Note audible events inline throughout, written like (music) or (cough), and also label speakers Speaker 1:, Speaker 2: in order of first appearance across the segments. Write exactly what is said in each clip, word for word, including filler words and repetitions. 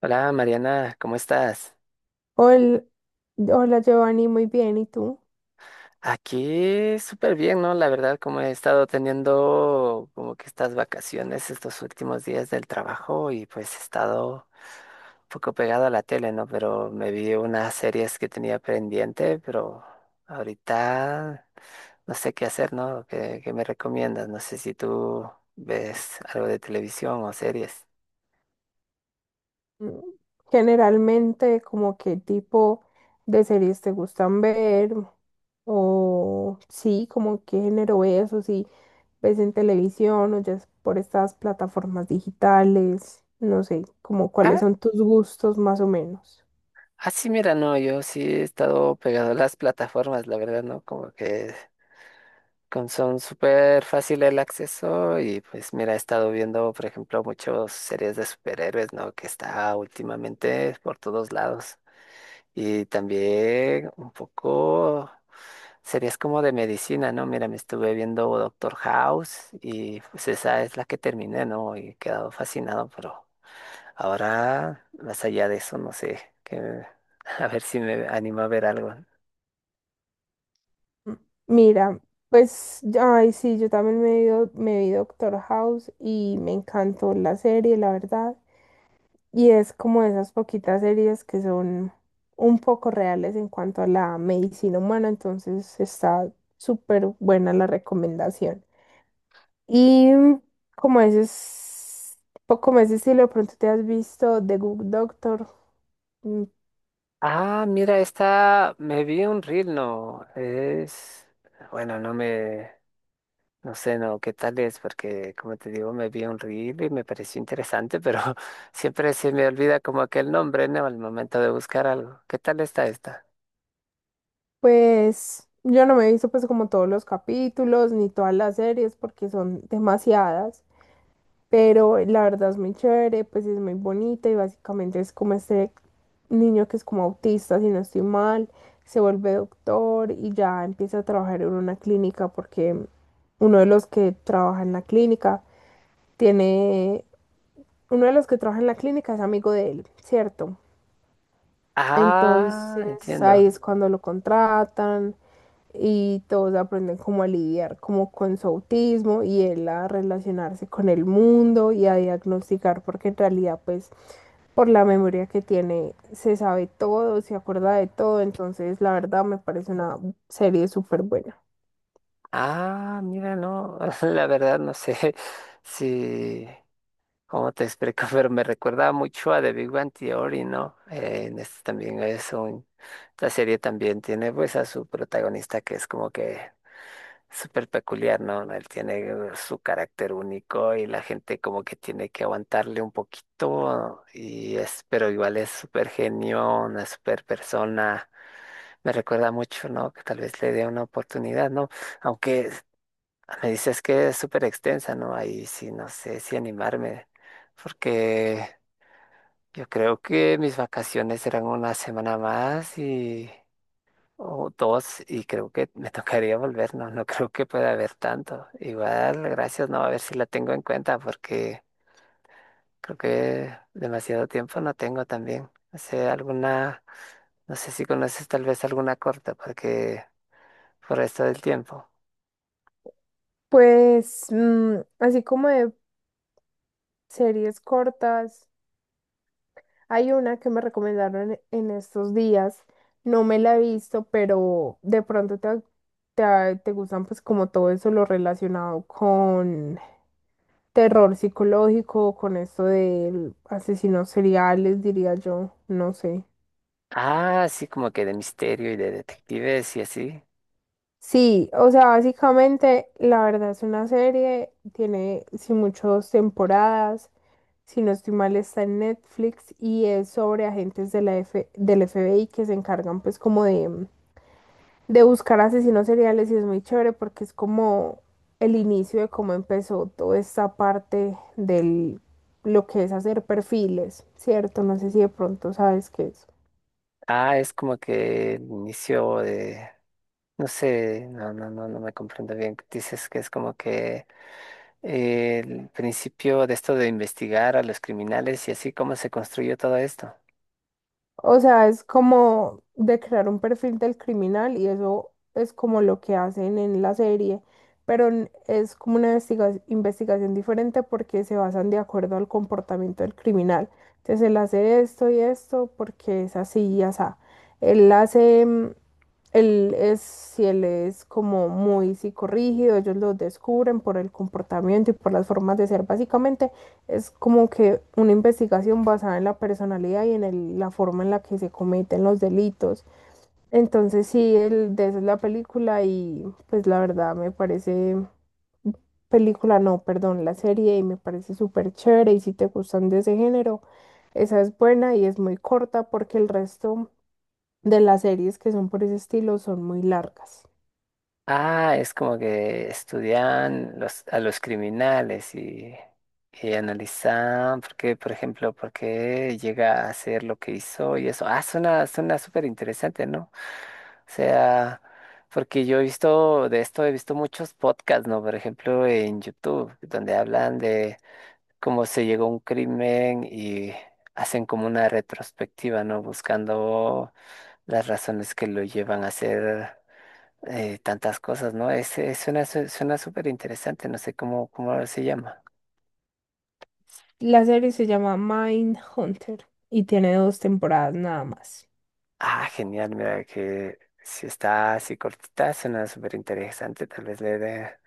Speaker 1: Hola Mariana, ¿cómo estás?
Speaker 2: Hola, hola Giovanni, muy bien. ¿Y tú?
Speaker 1: Aquí súper bien, ¿no? La verdad, como he estado teniendo como que estas vacaciones estos últimos días del trabajo y pues he estado un poco pegado a la tele, ¿no? Pero me vi unas series que tenía pendiente, pero ahorita no sé qué hacer, ¿no? ¿Qué, qué me recomiendas? No sé si tú ves algo de televisión o series.
Speaker 2: Mm, Generalmente, ¿como qué tipo de series te gustan ver? O sí, como qué género ves o si ves en televisión o ya es por estas plataformas digitales, no sé, como cuáles
Speaker 1: Ah,
Speaker 2: son tus gustos más o menos.
Speaker 1: ah, sí, mira, no, yo sí he estado pegado a las plataformas, la verdad, ¿no? Como que... con- son súper fácil el acceso y pues mira, he estado viendo, por ejemplo, muchas series de superhéroes, ¿no? Que está últimamente por todos lados. Y también un poco series como de medicina, ¿no? Mira, me estuve viendo Doctor House y pues esa es la que terminé, ¿no? Y he quedado fascinado, pero ahora, más allá de eso, no sé, que, (laughs) a ver si me animo a ver algo.
Speaker 2: Mm, Mira, pues, ay, sí, yo también me vi, do- me vi Doctor House y me encantó la serie, la verdad. Y es como esas poquitas series que son un poco reales en cuanto a la medicina humana, entonces está súper buena la recomendación. Y como ese, es- po- como ese estilo, de pronto te has visto The Good Doctor, mm,
Speaker 1: Ah, mira, esta me vi un reel, no, es, bueno, no me, no sé, no, qué tal es, porque como te digo, me vi un reel y me pareció interesante, pero (laughs) siempre se me olvida como aquel nombre, ¿no? Al momento de buscar algo. ¿Qué tal está esta?
Speaker 2: pues yo no me he visto pues como todos los capítulos ni todas las series porque son demasiadas. Pero la verdad es muy chévere, pues es muy bonita y básicamente es como este niño que es como autista, si no estoy mal, se vuelve doctor y ya empieza a trabajar en una clínica porque uno de los que trabaja en la clínica tiene, uno de los que trabaja en la clínica es amigo de él, ¿cierto?
Speaker 1: Ah,
Speaker 2: Entonces ahí
Speaker 1: entiendo.
Speaker 2: es cuando lo contratan y todos aprenden cómo a lidiar como con su autismo y él a relacionarse con el mundo y a diagnosticar porque en realidad pues por la memoria que tiene se sabe todo, se acuerda de todo, entonces la verdad me parece una serie súper buena.
Speaker 1: Ah, mira, no, (laughs) la verdad no sé (laughs) si ¿cómo te explico? (laughs) Pero me recuerda mucho a The Big Bang Theory, ¿no? Eh, en este también es un... La serie también tiene pues a su protagonista que es como que súper peculiar, ¿no? Él tiene uh, su carácter único y la gente como que tiene que aguantarle un poquito y es, pero igual es súper genio, una súper persona. Me recuerda mucho, ¿no? Que tal vez le dé una oportunidad, ¿no? Aunque me dices que es súper extensa, ¿no? Ahí sí, no sé si animarme porque yo creo que mis vacaciones eran una semana más y o dos y creo que me (laughs) tocaría volver, no, no creo que pueda haber tanto. Igual, gracias, no, a ver si la tengo en cuenta porque creo que demasiado tiempo no tengo también. No sé, alguna, no sé si conoces tal vez alguna corta porque por esto del tiempo.
Speaker 2: Pues mm, así como de series cortas. Hay una que me recomendaron en estos días, no me la he visto, pero de pronto te, te, ah, te gustan pues como todo eso lo relacionado con terror psicológico, con esto de asesinos seriales, diría yo, no sé.
Speaker 1: Ah, sí, como que de misterio y de detectives y así.
Speaker 2: Sí, o sea, básicamente la verdad es una serie, tiene sí muchas temporadas, si no estoy mal está en Netflix y es sobre agentes de la F del F B I que se encargan pues como de de buscar asesinos seriales y es muy chévere porque es como el inicio de cómo empezó toda esta parte del lo que es hacer perfiles, ¿cierto? No sé si de pronto sabes qué es.
Speaker 1: Ah, es como que el inicio de no sé, no, no, no, no me comprendo bien. Dices que es como que eh, el principio de esto de investigar a los criminales y así cómo se construyó todo esto.
Speaker 2: O sea, es como de crear un perfil del criminal y eso es como lo que hacen en la serie, pero n- es como una investiga- investigación diferente porque se basan de acuerdo al comportamiento del criminal. Entonces él hace esto y esto porque es así y asá. Él hace, mm, él es, si él es como muy psicorrígido, ellos lo descubren por el comportamiento y por las formas de ser, básicamente es como que una investigación basada en la personalidad y en el- la forma en la que se cometen los delitos. Entonces sí, el, de eso es la película y pues la verdad me parece, película no, perdón, la serie, y me parece súper chévere, y si te gustan de ese género, esa es buena y es muy corta porque el resto de las series que son por ese estilo son muy largas.
Speaker 1: Ah, es como que estudian los, a los criminales y, y analizan por qué, por ejemplo, por qué llega a hacer lo que hizo y eso. Ah, suena, suena súper interesante, ¿no? O sea, porque yo he visto de esto, he visto muchos podcasts, ¿no? Por ejemplo, en YouTube, donde hablan de cómo se llegó a un crimen y hacen como una retrospectiva, ¿no? Buscando las razones que lo llevan a hacer eh, tantas cosas, ¿no? Es, es- suena, su- suena súper interesante, no sé cómo, cómo se llama.
Speaker 2: La serie se llama Mind Hunter y tiene dos temporadas nada más.
Speaker 1: Ah, genial, mira que si está así cortita, suena súper interesante, tal vez le dé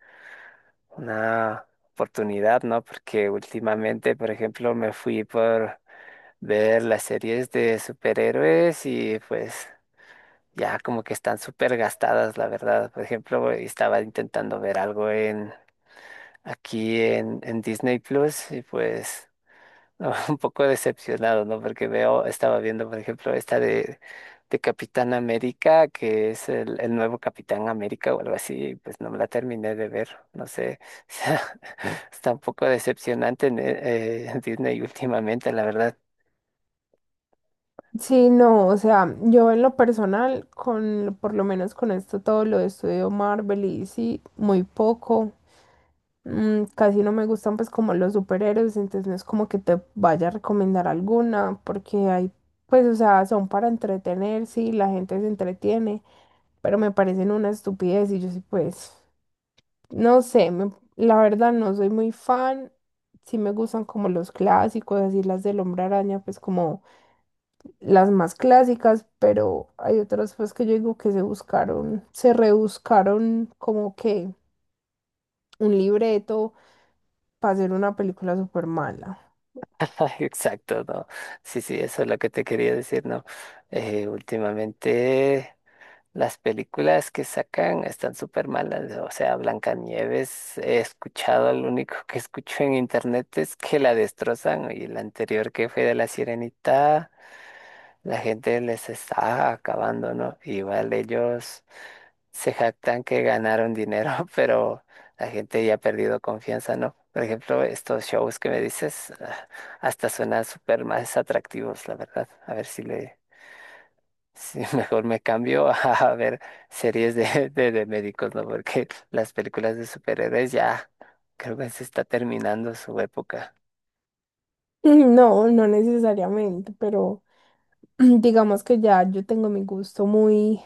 Speaker 1: una oportunidad, ¿no? Porque últimamente, por ejemplo, me fui por ver las series de superhéroes y pues ya como que están súper gastadas, la verdad. Por ejemplo, estaba intentando ver algo en aquí en, en Disney Plus y pues no, (laughs) un poco decepcionado, ¿no? Porque veo, estaba viendo, por ejemplo, esta de, de Capitán América, que es el, el nuevo Capitán América o algo así, y pues no me la terminé de ver, no sé. (laughs) O sea, está un poco decepcionante en, eh, Disney últimamente, la verdad.
Speaker 2: Sí, no, o sea, yo en lo personal, con, por lo menos con esto, todo lo de estudio Marvel y sí, muy poco. Mm, casi no me gustan pues como los superhéroes, entonces no es como que te vaya a recomendar alguna, porque hay, pues, o sea, son para entretener, sí, la gente se entretiene, pero me parecen una estupidez y yo sí, pues, no sé, me- la verdad no soy muy fan, sí me gustan como los clásicos, así las del Hombre Araña, pues como las más clásicas, pero hay otras pues que yo digo que se buscaron, se rebuscaron como que un libreto para hacer una película súper mala. (laughs)
Speaker 1: (laughs) Exacto, no. Sí, sí, eso es lo que te quería decir, ¿no? Eh, últimamente las películas que sacan están súper malas, ¿no? O sea, Blancanieves, he escuchado, lo único que escucho en internet es que la destrozan, ¿no? Y la anterior que fue de La Sirenita, la gente les está acabando, ¿no? Igual ellos se jactan que ganaron dinero, (laughs) pero la gente ya ha perdido confianza, ¿no? Por ejemplo, estos shows que me dices, ah, hasta suenan súper más atractivos, la verdad. A ver si le, si (laughs) mejor me cambio (laughs) a a ver series de, de, de médicos, ¿no? Porque las películas de superhéroes ya creo que se está terminando su época.
Speaker 2: No, no necesariamente, pero (clears throat) digamos que ya yo tengo mi gusto muy...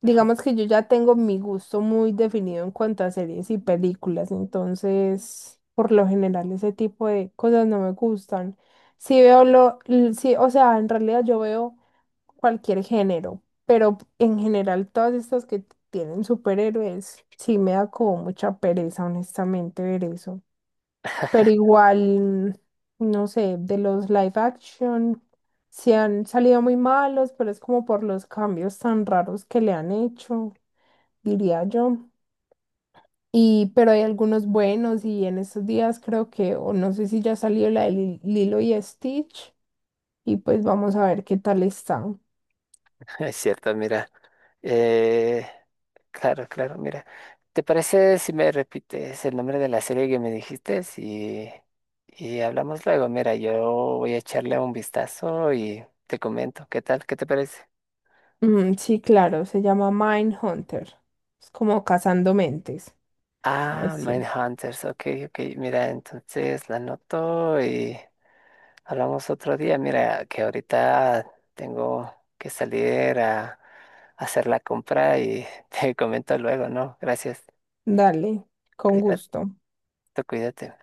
Speaker 2: Digamos que yo ya tengo mi gusto muy definido en cuanto a series y películas, entonces por lo general ese tipo de cosas no me gustan. Sí veo lo, l- sí, o sea, en realidad yo veo cualquier género, pero en general todas estas que tienen superhéroes, sí me da como mucha pereza, honestamente, ver eso. Pero
Speaker 1: (laughs)
Speaker 2: igual, no sé, de los live action, se han salido muy malos, pero es como por los cambios tan raros que le han hecho, diría yo. Y, pero hay algunos buenos y en estos días creo que, o no sé si ya salió la de Lil- Lilo y Stitch, y pues vamos a ver qué tal están.
Speaker 1: Es cierto, mira. Eh, Claro, claro, mira. ¿Te parece si me repites el nombre de la serie que me dijiste? Y, y hablamos luego. Mira, yo voy a echarle un vistazo y te comento. ¿Qué tal? ¿Qué te parece?
Speaker 2: Mm, sí, claro, se llama Mindhunter. Es como cazando mentes.
Speaker 1: Ah,
Speaker 2: Así.
Speaker 1: Mindhunters. Ok, ok. Mira, entonces la anoto y hablamos otro día. Mira, que ahorita tengo que salir a hacer la compra y (laughs) te comento luego, ¿no? Gracias.
Speaker 2: Dale, con
Speaker 1: Cuídate,
Speaker 2: gusto.
Speaker 1: cuídate.